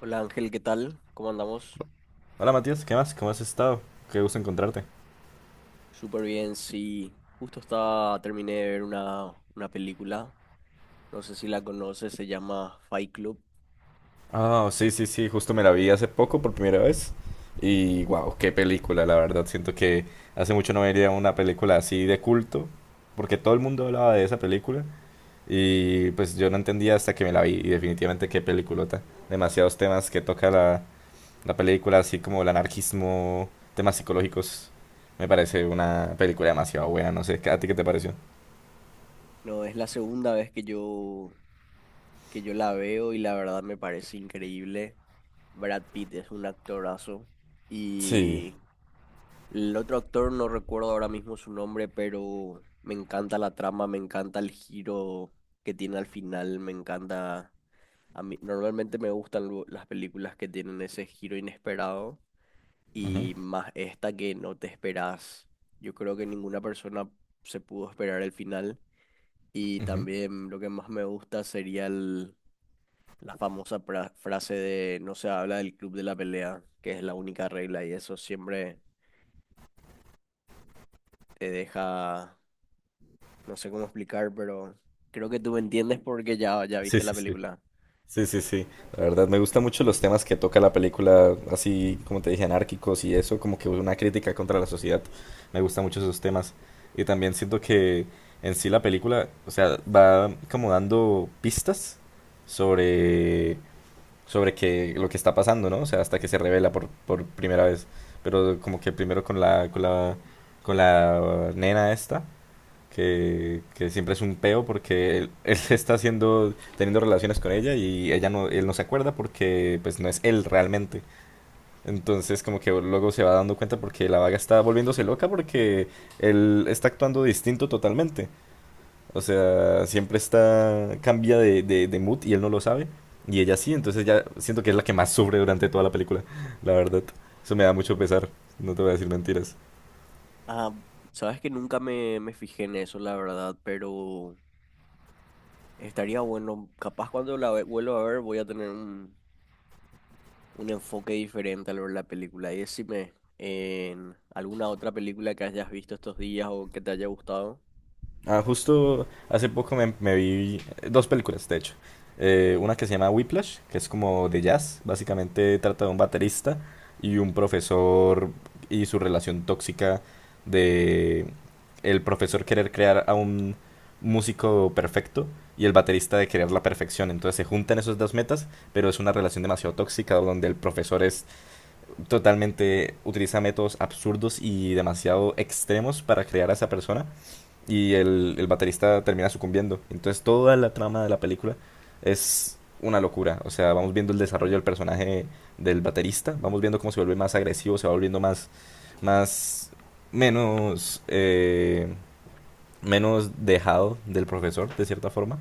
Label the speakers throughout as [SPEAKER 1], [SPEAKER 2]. [SPEAKER 1] Hola Ángel, ¿qué tal? ¿Cómo andamos?
[SPEAKER 2] Hola Matías, ¿qué más? ¿Cómo has estado? Qué gusto encontrarte.
[SPEAKER 1] Súper bien, sí. Justo estaba, terminé de ver una película, no sé si la conoces, se llama Fight Club.
[SPEAKER 2] Ah, sí, sí, sí, justo me la vi hace poco por primera vez. Y wow, qué película, la verdad. Siento que hace mucho no veía una película así de culto, porque todo el mundo hablaba de esa película. Y pues yo no entendía hasta que me la vi. Y definitivamente qué peliculota. Demasiados temas que toca la película, así como el anarquismo, temas psicológicos. Me parece una película demasiado buena, no sé. ¿A ti qué te pareció?
[SPEAKER 1] No, es la segunda vez que yo la veo y la verdad me parece increíble. Brad Pitt es un actorazo
[SPEAKER 2] Sí.
[SPEAKER 1] y el otro actor no recuerdo ahora mismo su nombre, pero me encanta la trama, me encanta el giro que tiene al final, me encanta. A mí normalmente me gustan las películas que tienen ese giro inesperado
[SPEAKER 2] Ujú,
[SPEAKER 1] y más esta que no te esperas. Yo creo que ninguna persona se pudo esperar el final y
[SPEAKER 2] ujú.
[SPEAKER 1] también lo que más me gusta sería la famosa frase de no se habla del club de la pelea, que es la única regla y eso siempre te deja, no sé cómo explicar, pero creo que tú me entiendes porque ya
[SPEAKER 2] Sí,
[SPEAKER 1] viste la
[SPEAKER 2] sí, sí.
[SPEAKER 1] película.
[SPEAKER 2] Sí, sí, sí. La verdad, me gustan mucho los temas que toca la película, así como te dije, anárquicos y eso, como que una crítica contra la sociedad. Me gustan mucho esos temas. Y también siento que en sí la película, o sea, va como dando pistas sobre, sobre que, lo que está pasando, ¿no? O sea, hasta que se revela por primera vez. Pero como que primero con con la nena esta que siempre es un peo porque él, él está haciendo, teniendo relaciones con ella y ella no, él no se acuerda porque pues no es él realmente. Entonces como que luego se va dando cuenta porque la vaga está volviéndose loca porque él está actuando distinto totalmente. O sea, siempre está, cambia de mood y él no lo sabe. Y ella sí, entonces ya siento que es la que más sufre durante toda la película, la verdad. Eso me da mucho pesar, no te voy a decir mentiras.
[SPEAKER 1] Ah, sabes que nunca me fijé en eso, la verdad, pero... Estaría bueno, capaz cuando la vuelva a ver voy a tener un enfoque diferente al ver la película. Y decime, en alguna otra película que hayas visto estos días o que te haya gustado.
[SPEAKER 2] Ah, justo hace poco me vi dos películas, de hecho. Una que se llama Whiplash, que es como de jazz. Básicamente trata de un baterista y un profesor y su relación tóxica de el profesor querer crear a un músico perfecto y el baterista de querer la perfección. Entonces se juntan esos dos metas, pero es una relación demasiado tóxica donde el profesor es totalmente utiliza métodos absurdos y demasiado extremos para crear a esa persona y el baterista termina sucumbiendo. Entonces toda la trama de la película es una locura. O sea, vamos viendo el desarrollo del personaje del baterista, vamos viendo cómo se vuelve más agresivo, se va volviendo más, menos, menos dejado del profesor, de cierta forma.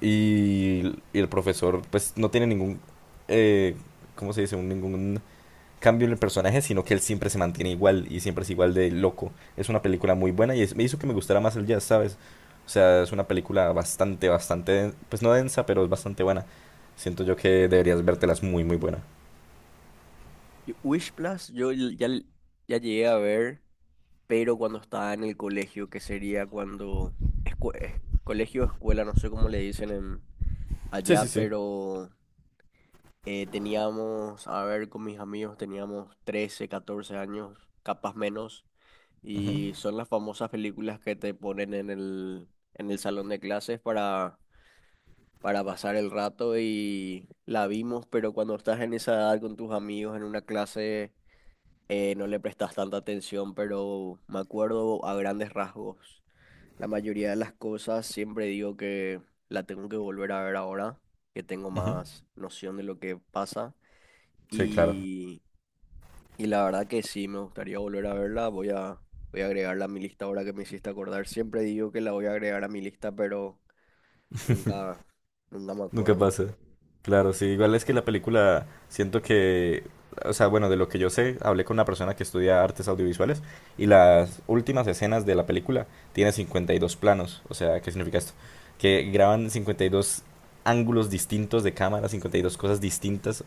[SPEAKER 2] Y el profesor, pues, no tiene eh, ¿cómo se dice? Ningún cambio en el personaje, sino que él siempre se mantiene igual y siempre es igual de loco. Es una película muy buena y es- me hizo que me gustara más el jazz, ¿sabes? O sea, es una película bastante, den- pues no densa, pero es bastante buena. Siento yo que deberías vértelas muy, muy buena.
[SPEAKER 1] Wish Plus, yo l- ya llegué a ver, pero cuando estaba en el colegio, que sería cuando... colegio o escuela, no sé cómo le dicen en,
[SPEAKER 2] Sí, sí,
[SPEAKER 1] allá,
[SPEAKER 2] sí.
[SPEAKER 1] pero teníamos, a ver, con mis amigos teníamos 13 o 14 años, capaz menos.
[SPEAKER 2] Ujú,
[SPEAKER 1] Y son las famosas películas que te ponen en en el salón de clases para pasar el rato y la vimos, pero cuando estás en esa edad con tus amigos en una clase no le prestas tanta atención, pero me acuerdo a grandes rasgos. La mayoría de las cosas siempre digo que la tengo que volver a ver ahora, que tengo
[SPEAKER 2] ujú.
[SPEAKER 1] más noción de lo que pasa.
[SPEAKER 2] Sí, claro.
[SPEAKER 1] Y la verdad que sí, me gustaría volver a verla. Voy a agregarla a mi lista ahora que me hiciste acordar. Siempre digo que la voy a agregar a mi lista, pero nunca, nunca me
[SPEAKER 2] Nunca
[SPEAKER 1] acuerdo.
[SPEAKER 2] pasa. Claro, sí. Igual es que la película, siento que, o sea, bueno, de lo que yo sé, hablé con una persona que estudia artes audiovisuales y las últimas escenas de la película tiene 52 planos. O sea, ¿qué significa esto? Que graban 52 ángulos distintos de cámara, 52 cosas distintas.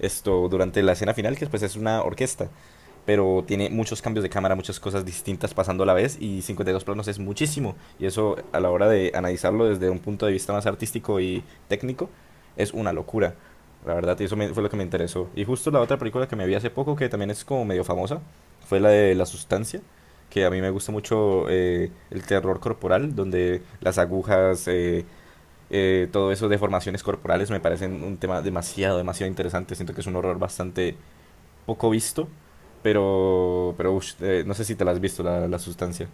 [SPEAKER 2] Esto durante la escena final, que pues es una orquesta pero tiene muchos cambios de cámara, muchas cosas distintas pasando a la vez y 52 planos es muchísimo. Y eso a la hora de analizarlo desde un punto de vista más artístico y técnico es una locura. La verdad, y eso me- fue lo que me interesó. Y justo la otra película que me vi hace poco, que también es como medio famosa, fue la de La Sustancia, que a mí me gusta mucho el terror corporal, donde las agujas, todo eso, deformaciones corporales, me parecen un tema demasiado, demasiado interesante. Siento que es un horror bastante poco visto, pero ush, no sé si te la has visto la sustancia.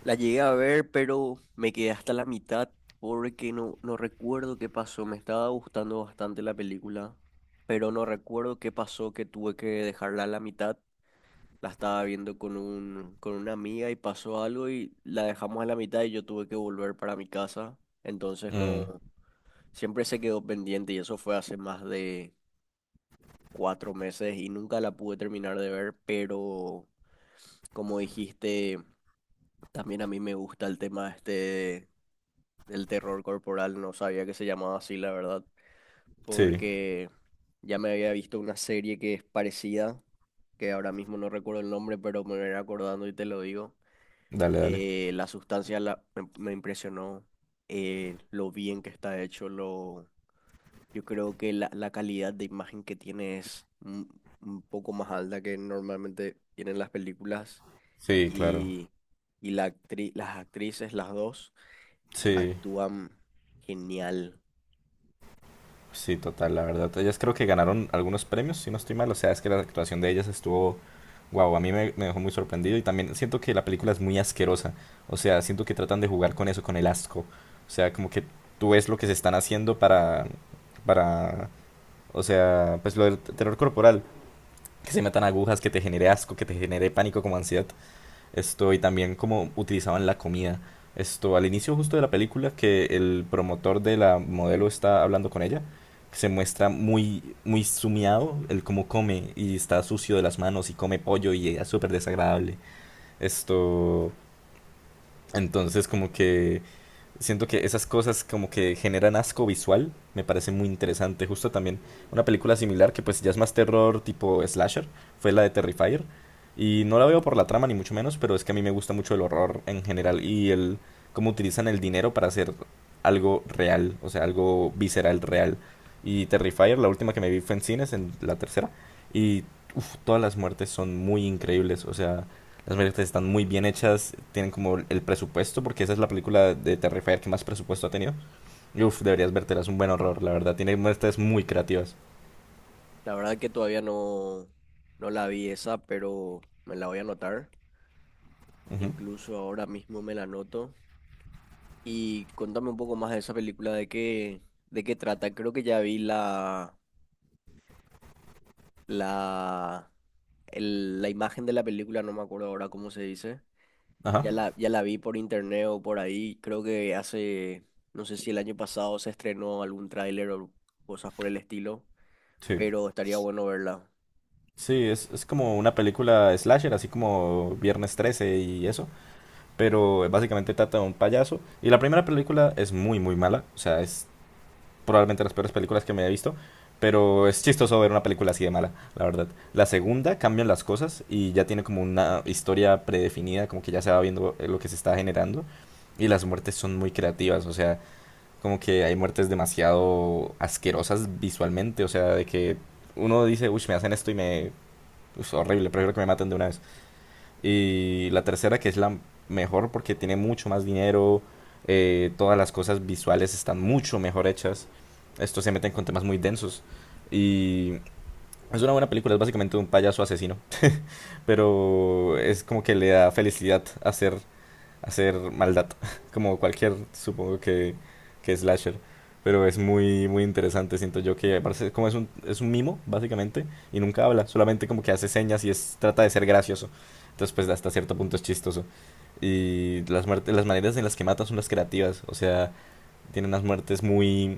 [SPEAKER 1] La llegué a ver, pero me quedé hasta la mitad porque no recuerdo qué pasó. Me estaba gustando bastante la película, pero no recuerdo qué pasó que tuve que dejarla a la mitad. La estaba viendo con con una amiga y pasó algo y la dejamos a la mitad y yo tuve que volver para mi casa. Entonces
[SPEAKER 2] Mm.
[SPEAKER 1] no. Siempre se quedó pendiente y eso fue hace más de 4 meses y nunca la pude terminar de ver, pero como dijiste, también a mí me gusta el tema este del terror corporal, no sabía que se llamaba así, la verdad,
[SPEAKER 2] Sí,
[SPEAKER 1] porque ya me había visto una serie que es parecida, que ahora mismo no recuerdo el nombre, pero me voy acordando y te lo digo.
[SPEAKER 2] dale, dale.
[SPEAKER 1] La sustancia me impresionó, lo bien que está hecho, lo. Yo creo que la calidad de imagen que tiene es un poco más alta que normalmente tienen las películas
[SPEAKER 2] Sí, claro.
[SPEAKER 1] y, y las actrices, las dos,
[SPEAKER 2] Sí,
[SPEAKER 1] actúan genial.
[SPEAKER 2] sí, total, la verdad. Ellas creo que ganaron algunos premios, si no estoy mal. O sea, es que la actuación de ellas estuvo, wow, a mí me dejó muy sorprendido y también siento que la película es muy asquerosa. O sea, siento que tratan de jugar con eso, con el asco. O sea, como que tú ves lo que se están haciendo para, o sea, pues lo del terror corporal. Que se metan agujas, que te genere asco, que te genere pánico como ansiedad. Esto, y también cómo utilizaban la comida. Esto, al inicio justo de la película, que el promotor de la modelo está hablando con ella, se muestra muy, muy sumiado el cómo come y está sucio de las manos y come pollo y es súper desagradable. Esto, entonces como que siento que esas cosas como que generan asco visual, me parece muy interesante. Justo también una película similar que pues ya es más terror tipo slasher, fue la de Terrifier. Y no la veo por la trama ni mucho menos, pero es que a mí me gusta mucho el horror en general y el cómo utilizan el dinero para hacer algo real, o sea, algo visceral real. Y Terrifier, la última que me vi fue en cines, en la tercera, y uf, todas las muertes son muy increíbles, o sea, las marionetas están muy bien hechas, tienen como el presupuesto, porque esa es la película de Terrifier que más presupuesto ha tenido. Y uf, deberías vértela, es un buen horror, la verdad. Tiene muestras muy creativas.
[SPEAKER 1] La verdad que todavía no, no la vi esa, pero me la voy a anotar.
[SPEAKER 2] Ujú.
[SPEAKER 1] Incluso ahora mismo me la anoto. Y contame un poco más de esa película, de qué trata. Creo que ya vi la, la imagen de la película, no me acuerdo ahora cómo se dice.
[SPEAKER 2] Ajá,
[SPEAKER 1] Ya la vi por internet o por ahí. Creo que hace, no sé si el año pasado se estrenó algún tráiler o cosas por el estilo,
[SPEAKER 2] sí.
[SPEAKER 1] pero estaría bueno verla.
[SPEAKER 2] Sí, es como una película slasher, así como Viernes 13 y eso, pero básicamente trata de un payaso. Y la primera película es muy, muy mala, o sea, es probablemente las peores películas que me haya visto. Pero es chistoso ver una película así de mala, la verdad. La segunda cambian las cosas y ya tiene como una historia predefinida, como que ya se va viendo lo que se está generando. Y las muertes son muy creativas, o sea, como que hay muertes demasiado asquerosas visualmente, o sea, de que uno dice, uy, me hacen esto y me... Es horrible, prefiero que me maten de una vez. Y la tercera, que es la mejor porque tiene mucho más dinero, todas las cosas visuales están mucho mejor hechas. Estos se meten con temas muy densos. Y es una buena película, es básicamente un payaso asesino, pero es como que le da felicidad hacer hacer maldad, como cualquier, supongo que slasher. Pero es muy, muy interesante, siento yo que parece como es es un mimo, básicamente, y nunca habla, solamente como que hace señas y es, trata de ser gracioso. Entonces, pues hasta cierto punto es chistoso. Y las, muertes, las maneras en las que mata son las creativas, o sea, tienen unas muertes muy...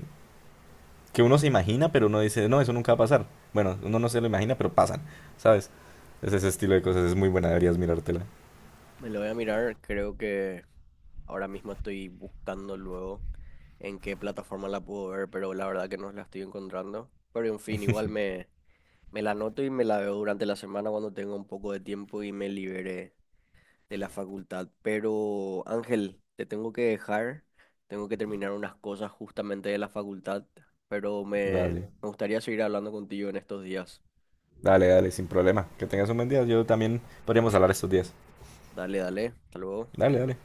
[SPEAKER 2] que uno se imagina, pero uno dice, no, eso nunca va a pasar. Bueno, uno no se lo imagina, pero pasan, ¿sabes? Es ese estilo de cosas, es muy buena, deberías mirártela.
[SPEAKER 1] Me la voy a mirar, creo que ahora mismo estoy buscando luego en qué plataforma la puedo ver, pero la verdad que no la estoy encontrando. Pero en fin, me la anoto y me la veo durante la semana cuando tenga un poco de tiempo y me libere de la facultad. Pero Ángel, te tengo que dejar. Tengo que terminar unas cosas justamente de la facultad. Pero me,
[SPEAKER 2] Dale.
[SPEAKER 1] me gustaría seguir hablando contigo en estos días.
[SPEAKER 2] Dale, dale, sin problema. Que tengas un buen día. Yo también podríamos hablar estos días.
[SPEAKER 1] Dale, dale. Hasta luego.
[SPEAKER 2] Dale, dale.